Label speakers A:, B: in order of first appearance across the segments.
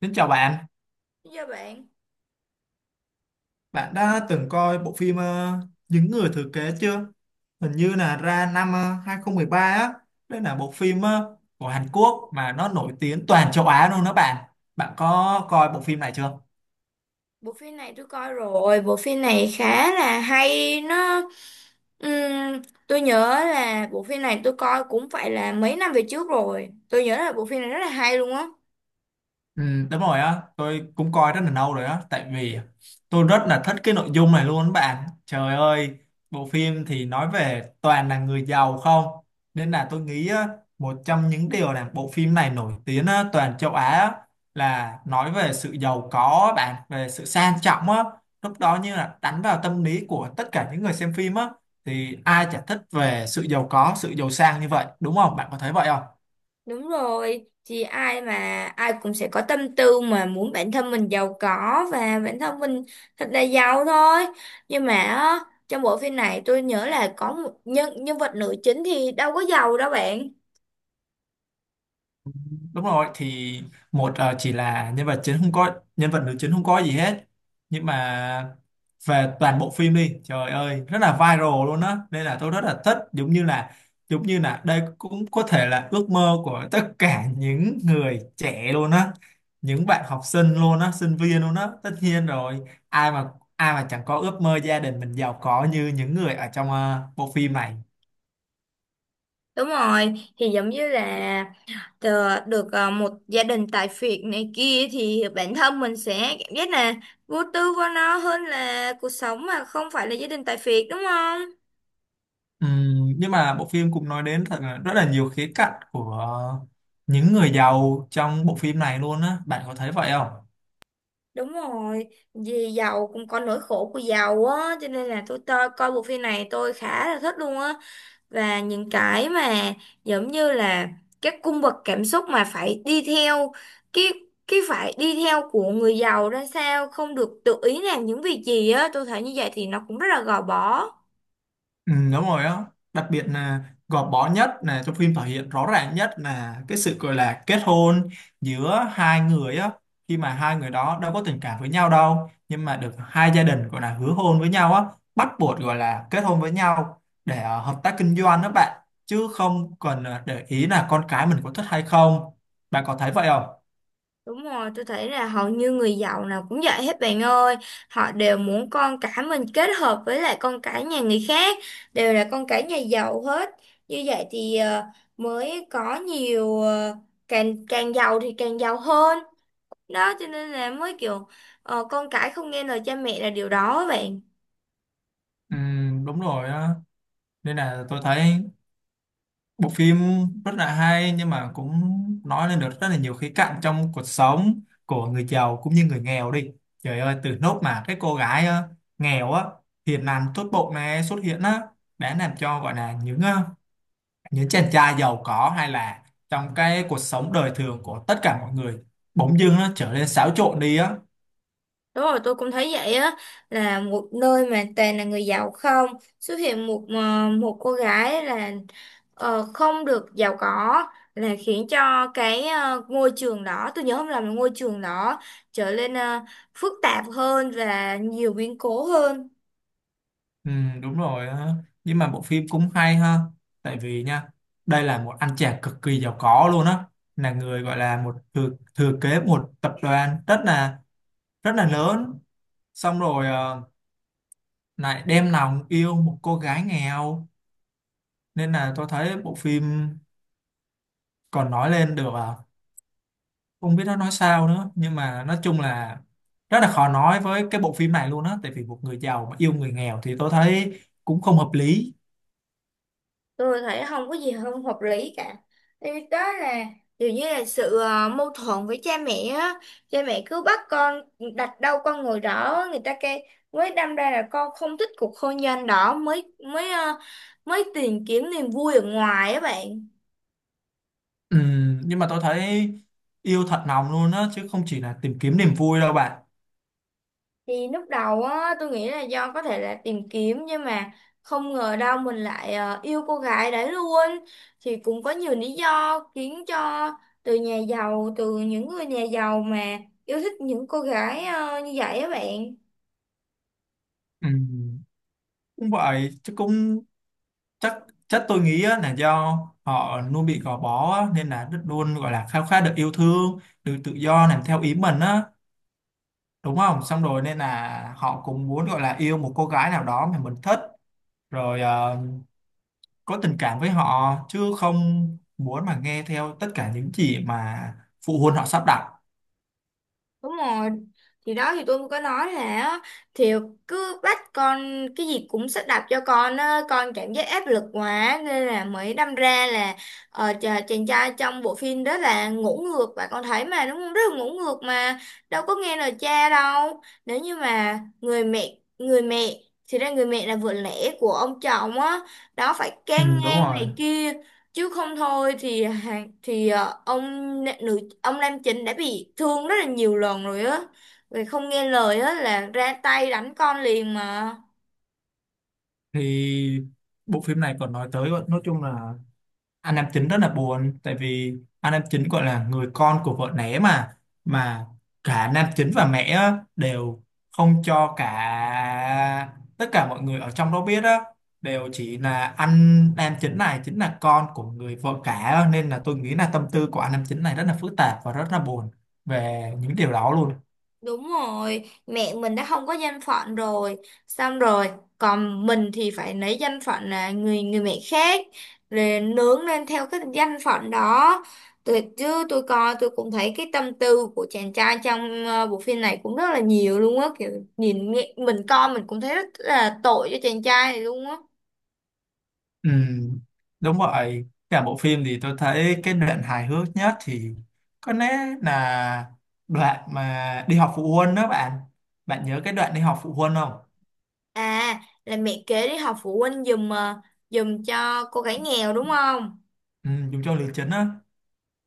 A: Xin chào bạn,
B: Dạ bạn,
A: bạn đã từng coi bộ phim Những người thừa kế chưa? Hình như là ra năm 2013 á, đây là bộ phim của Hàn Quốc mà nó nổi tiếng toàn châu Á luôn đó bạn. Bạn có coi bộ phim này chưa?
B: bộ phim này tôi coi rồi, bộ phim này khá là hay, nó ừm, tôi nhớ là bộ phim này tôi coi cũng phải là mấy năm về trước rồi. Tôi nhớ là bộ phim này rất là hay luôn á.
A: Ừ, đúng rồi á, tôi cũng coi rất là lâu rồi á, tại vì tôi rất là thích cái nội dung này luôn bạn. Trời ơi, bộ phim thì nói về toàn là người giàu không, nên là tôi nghĩ á, một trong những điều làm bộ phim này nổi tiếng á, toàn châu Á á, là nói về sự giàu có á bạn, về sự sang trọng á, lúc đó như là đánh vào tâm lý của tất cả những người xem phim á, thì ai chả thích về sự giàu có, sự giàu sang như vậy, đúng không? Bạn có thấy vậy không?
B: Đúng rồi, thì ai mà ai cũng sẽ có tâm tư mà muốn bản thân mình giàu có và bản thân mình thật là giàu thôi. Nhưng mà á, trong bộ phim này tôi nhớ là có một nhân nhân vật nữ chính thì đâu có giàu đâu bạn.
A: Đúng rồi thì một chỉ là nhân vật chính không có nhân vật nữ chính không có gì hết, nhưng mà về toàn bộ phim đi trời ơi rất là viral luôn á, nên là tôi rất là thích, giống như là đây cũng có thể là ước mơ của tất cả những người trẻ luôn á, những bạn học sinh luôn á, sinh viên luôn á, tất nhiên rồi. Ai mà ai mà chẳng có ước mơ gia đình mình giàu có như những người ở trong bộ phim này.
B: Đúng rồi, thì giống như là một gia đình tại phiệt này kia thì bản thân mình sẽ cảm giác là vô tư vô nó hơn là cuộc sống mà không phải là gia đình tại phiệt đúng không?
A: Nhưng mà bộ phim cũng nói đến thật là rất là nhiều khía cạnh của những người giàu trong bộ phim này luôn á, bạn có thấy vậy không?
B: Đúng rồi, vì giàu cũng có nỗi khổ của giàu á, cho nên là tôi coi bộ phim này tôi khá là thích luôn á. Và những cái mà giống như là các cung bậc cảm xúc mà phải đi theo cái cái phải đi theo của người giàu ra sao, không được tự ý làm những việc gì á, tôi thấy như vậy thì nó cũng rất là gò bó.
A: Ừ, đúng rồi á, đặc biệt là gò bó nhất là trong phim thể hiện rõ ràng nhất là cái sự gọi là kết hôn giữa hai người á, khi mà hai người đó đâu có tình cảm với nhau đâu nhưng mà được hai gia đình gọi là hứa hôn với nhau á, bắt buộc gọi là kết hôn với nhau để hợp tác kinh doanh đó bạn, chứ không cần để ý là con cái mình có thích hay không. Bạn có thấy vậy không?
B: Đúng rồi, tôi thấy là hầu như người giàu nào cũng vậy hết bạn ơi. Họ đều muốn con cái mình kết hợp với lại con cái nhà người khác, đều là con cái nhà giàu hết. Như vậy thì mới có nhiều càng càng giàu thì càng giàu hơn. Đó cho nên là mới kiểu con cái không nghe lời cha mẹ là điều đó á bạn.
A: Ừ, đúng rồi á, nên là tôi thấy bộ phim rất là hay nhưng mà cũng nói lên được rất là nhiều khía cạnh trong cuộc sống của người giàu cũng như người nghèo đi. Trời ơi, từ nốt mà cái cô gái nghèo á, hiền lành tốt bụng này xuất hiện á, đã làm cho gọi là những những chàng trai giàu có, hay là trong cái cuộc sống đời thường của tất cả mọi người bỗng dưng nó trở nên xáo trộn đi á.
B: Đúng rồi, tôi cũng thấy vậy á, là một nơi mà toàn là người giàu không, xuất hiện một cô gái là không được giàu có, là khiến cho ngôi trường đó, tôi nhớ không lầm là ngôi trường đó trở nên phức tạp hơn và nhiều biến cố hơn.
A: Ừ, đúng rồi á. Nhưng mà bộ phim cũng hay ha, tại vì nha đây là một anh chàng cực kỳ giàu có luôn á, là người gọi là một thừa kế một tập đoàn rất là lớn, xong rồi lại đem lòng yêu một cô gái nghèo, nên là tôi thấy bộ phim còn nói lên được à, không biết nó nói sao nữa nhưng mà nói chung là rất là khó nói với cái bộ phim này luôn á, tại vì một người giàu mà yêu người nghèo thì tôi thấy cũng không hợp lý.
B: Tôi thấy không có gì không hợp lý cả. Thì đó là kiểu như là sự mâu thuẫn với cha mẹ á, cha mẹ cứ bắt con đặt đâu con ngồi đó người ta kêu, mới đâm ra là con không thích cuộc hôn nhân đó, mới mới ờ, mới tìm kiếm niềm vui ở ngoài á bạn.
A: Ừ, nhưng mà tôi thấy yêu thật lòng luôn á, chứ không chỉ là tìm kiếm niềm vui đâu bạn.
B: Thì lúc đầu á, tôi nghĩ là do có thể là tìm kiếm, nhưng mà không ngờ đâu mình lại yêu cô gái đấy luôn. Thì cũng có nhiều lý do khiến cho từ nhà giàu, từ những người nhà giàu mà yêu thích những cô gái như vậy á bạn.
A: Ừ, cũng vậy, chứ cũng chắc, chắc tôi nghĩ á, là do họ luôn bị gò bó á, nên là rất luôn gọi là khao khát được yêu thương, được tự do làm theo ý mình á, đúng không, xong rồi nên là họ cũng muốn gọi là yêu một cô gái nào đó mà mình thích, rồi có tình cảm với họ chứ không muốn mà nghe theo tất cả những gì mà phụ huynh họ sắp đặt.
B: Đúng rồi. Thì đó thì tôi cũng có nói là thì cứ bắt con cái gì cũng sắp đặt cho con á, con cảm giác áp lực quá nên là mới đâm ra là chàng trai trong bộ phim đó là ngủ ngược bạn con thấy mà đúng không? Rất là ngủ ngược mà đâu có nghe lời cha đâu. Nếu như mà người mẹ, thì ra người mẹ là vợ lẽ của ông chồng á, đó phải
A: Ừ,
B: can
A: đúng
B: ngang
A: rồi
B: này kia, chứ không thôi thì ông na- nữ ông nam chính đã bị thương rất là nhiều lần rồi á, vì không nghe lời á là ra tay đánh con liền mà.
A: thì bộ phim này còn nói tới, nói chung là anh nam chính rất là buồn, tại vì anh nam chính gọi là người con của vợ né mà, mà cả nam chính và mẹ á, đều không cho cả tất cả mọi người ở trong đó biết á, đều chỉ là anh nam chính này chính là con của người vợ cả á. Nên là tôi nghĩ là tâm tư của anh nam chính này rất là phức tạp và rất là buồn về những điều đó luôn.
B: Đúng rồi, mẹ mình đã không có danh phận rồi, xong rồi, còn mình thì phải lấy danh phận là người người mẹ khác, rồi nướng lên theo cái danh phận đó. Tôi chứ tôi coi tôi cũng thấy cái tâm tư của chàng trai trong bộ phim này cũng rất là nhiều luôn á, kiểu nhìn mình coi mình cũng thấy rất là tội cho chàng trai này luôn á.
A: Ừ, đúng vậy. Cả bộ phim thì tôi thấy cái đoạn hài hước nhất thì có lẽ là đoạn mà đi họp phụ huynh đó bạn. Bạn nhớ cái đoạn đi họp phụ huynh không?
B: À, là mẹ kế đi học phụ huynh giùm cho cô gái nghèo đúng không?
A: Ừ, dùng cho Lý Trấn á.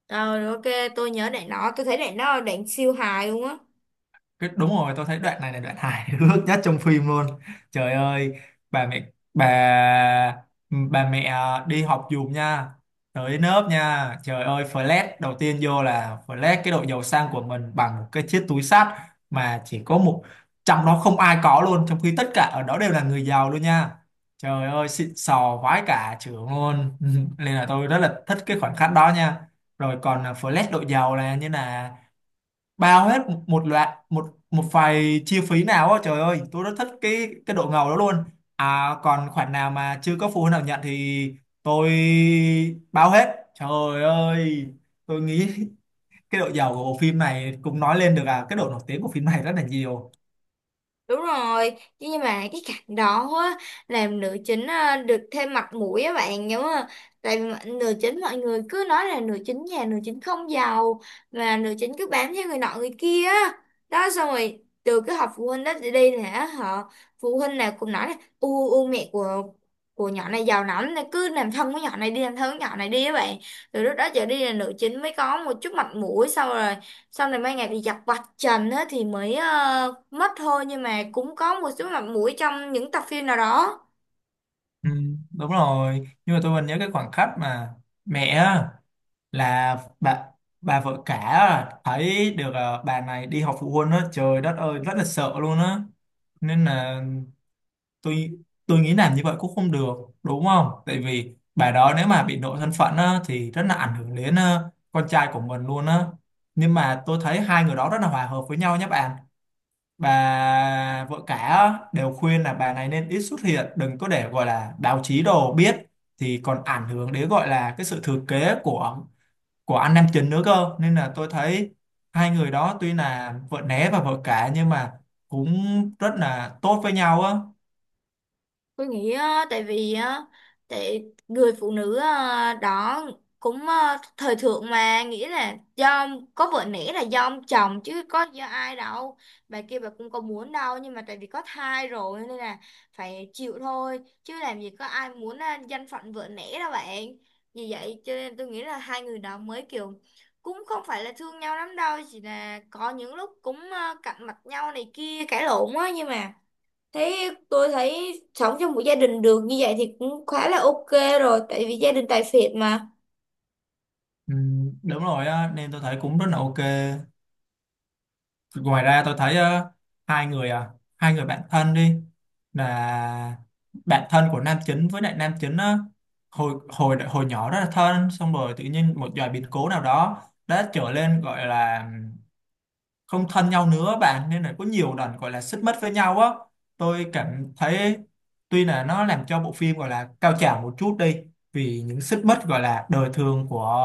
B: Ờ, rồi ok, tôi nhớ đoạn đó, tôi thấy đoạn đó là đoạn siêu hài luôn á.
A: Cái- đúng rồi, tôi thấy đoạn này là đoạn hài hước nhất trong phim luôn. Trời ơi, bà mẹ, bà bà mẹ à, đi học giùm nha, tới lớp nha, trời ơi, flash đầu tiên vô là flash cái độ giàu sang của mình bằng một cái chiếc túi xách mà chỉ có một, trong đó không ai có luôn, trong khi tất cả ở đó đều là người giàu luôn nha. Trời ơi, xịn sò vãi cả trưởng luôn nên là tôi rất là thích cái khoảnh khắc đó nha. Rồi còn à, flash độ giàu là như là bao hết một, một loạt một một vài chi phí nào á, trời ơi tôi rất thích cái độ ngầu đó luôn. À còn khoản nào mà chưa có phụ huynh nào nhận thì tôi bao hết, trời ơi tôi nghĩ cái độ giàu của bộ phim này cũng nói lên được à cái độ nổi tiếng của phim này rất là nhiều.
B: Đúng rồi, chứ nhưng mà cái cạnh đó á, làm nữ chính à, được thêm mặt mũi á bạn nhớ không? Tại vì mà nữ chính mọi người cứ nói là nữ chính nhà nữ chính không giàu, mà nữ chính cứ bám theo người nọ người kia á. Đó xong rồi từ cái họp phụ huynh đó đi đi là họ, phụ huynh nào cũng nói là u u mẹ của nhỏ này giàu lắm nên cứ làm thân với nhỏ này đi, làm thân với nhỏ này đi á bạn. Từ lúc đó trở đi là nữ chính mới có một chút mặt mũi, xong rồi mấy ngày thì giặt vạch trần á thì mất thôi, nhưng mà cũng có một số mặt mũi trong những tập phim nào đó.
A: Ừ, đúng rồi, nhưng mà tôi vẫn nhớ cái khoảnh khắc mà mẹ á, là bà vợ cả á, thấy được à, bà này đi họp phụ huynh á, trời đất ơi rất là sợ luôn á, nên là tôi tôi nghĩ làm như vậy cũng không được, đúng không, tại vì bà đó nếu mà bị lộ thân phận á, thì rất là ảnh hưởng đến con trai của mình luôn á, nhưng mà tôi thấy hai người đó rất là hòa hợp với nhau nhé bạn. Bà vợ cả á, đều khuyên là bà này nên ít xuất hiện, đừng có để gọi là báo chí đồ biết, thì còn ảnh hưởng đến gọi là cái sự thừa kế của anh nam chính nữa cơ, nên là tôi thấy hai người đó tuy là vợ né và vợ cả nhưng mà cũng rất là tốt với nhau á.
B: Tôi nghĩ á, tại vì á, tại người phụ nữ đó cũng thời thượng mà nghĩ là do có vợ nể là do ông chồng chứ có do ai đâu, bà kia bà cũng có muốn đâu nhưng mà tại vì có thai rồi nên là phải chịu thôi, chứ làm gì có ai muốn danh phận vợ nể đâu bạn. Vì vậy cho nên tôi nghĩ là hai người đó mới kiểu cũng không phải là thương nhau lắm đâu, chỉ là có những lúc cũng cạnh mặt nhau này kia cãi lộn á, nhưng mà tôi thấy sống trong một gia đình được như vậy thì cũng khá là ok rồi, tại vì gia đình tài phiệt mà.
A: Ừ, đúng rồi á, nên tôi thấy cũng rất là ok. Ngoài ra tôi thấy hai người à, hai người bạn thân đi, là bạn thân của nam chính với lại nam chính á, hồi hồi hồi nhỏ rất là thân, xong rồi tự nhiên một vài biến cố nào đó đã trở lên gọi là không thân nhau nữa bạn, nên là có nhiều lần gọi là xích mích với nhau á. Tôi cảm thấy tuy là nó làm cho bộ phim gọi là cao trào một chút đi vì những xích mích gọi là đời thường của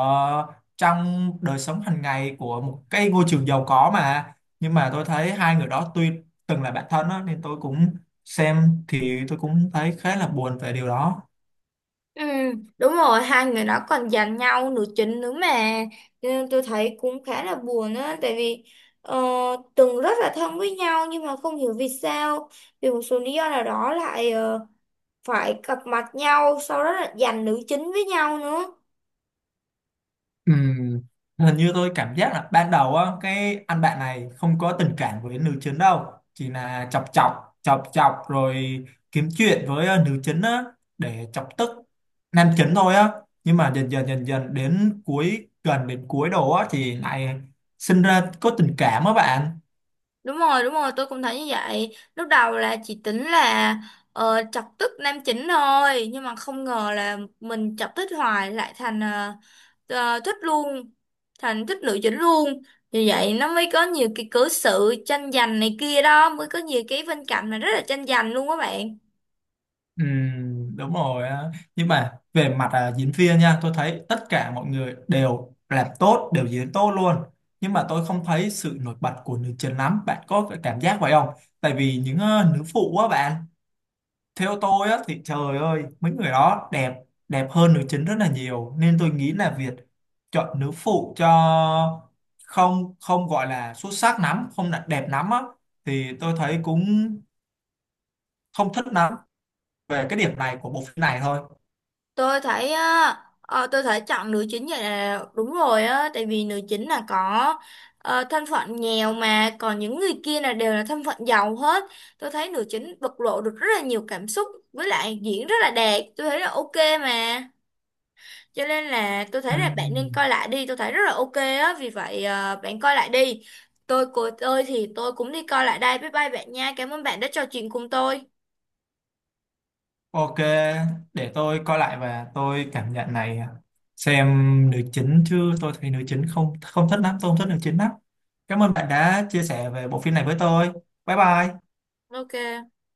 A: trong đời sống hàng ngày của một cái ngôi trường giàu có mà, nhưng mà tôi thấy hai người đó tuy từng là bạn thân á, nên tôi cũng xem thì tôi cũng thấy khá là buồn về điều đó.
B: Ừ, đúng rồi, hai người đó còn giành nhau nữ chính nữa mà. Cho nên tôi thấy cũng khá là buồn á, tại vì ờ, từng rất là thân với nhau nhưng mà không hiểu vì sao, vì một số lý do nào đó lại phải gặp mặt nhau, sau đó là giành nữ chính với nhau nữa.
A: Ừ, hình như tôi cảm giác là ban đầu á cái anh bạn này không có tình cảm với nữ chính đâu, chỉ là chọc chọc chọc chọc rồi kiếm chuyện với nữ chính á, để chọc tức nam chính thôi á, nhưng mà dần dần đến cuối, gần đến cuối đồ á thì lại sinh ra có tình cảm á bạn.
B: Đúng rồi, tôi cũng thấy như vậy. Lúc đầu là chỉ tính là chọc tức nam chính thôi, nhưng mà không ngờ là mình chọc thích hoài lại thành thích luôn, thành thích nữ chính luôn. Vì vậy nó mới có nhiều cái cớ sự tranh giành này kia đó, mới có nhiều cái phân cảnh mà rất là tranh giành luôn các bạn.
A: Ừ, đúng rồi á. Nhưng mà về mặt à, diễn viên nha, tôi thấy tất cả mọi người đều làm tốt, đều diễn tốt luôn, nhưng mà tôi không thấy sự nổi bật của nữ chính lắm, bạn có cái cảm giác vậy không? Tại vì những nữ phụ á bạn, theo tôi á thì trời ơi mấy người đó đẹp, đẹp hơn nữ chính rất là nhiều, nên tôi nghĩ là việc chọn nữ phụ cho không không gọi là xuất sắc lắm, không là đẹp lắm á, thì tôi thấy cũng không thích lắm về cái điểm này của bộ phim này thôi.
B: Tôi thấy á, tôi thấy chọn nữ chính vậy là đúng rồi á, tại vì nữ chính là có thân phận nghèo, mà còn những người kia là đều là thân phận giàu hết. Tôi thấy nữ chính bộc lộ được rất là nhiều cảm xúc, với lại diễn rất là đẹp, tôi thấy là ok mà, cho nên là tôi thấy là bạn nên
A: Ừm,
B: coi lại đi, tôi thấy rất là ok á, vì vậy bạn coi lại đi. Tôi của tôi thì tôi cũng đi coi lại đây, bye bye bạn nha, cảm ơn bạn đã trò chuyện cùng tôi.
A: Ok, để tôi coi lại và tôi cảm nhận này, xem nữ chính, chứ tôi thấy nữ chính không không thích lắm, tôi không thích nữ chính lắm. Cảm ơn bạn đã chia sẻ về bộ phim này với tôi. Bye bye.
B: Ok.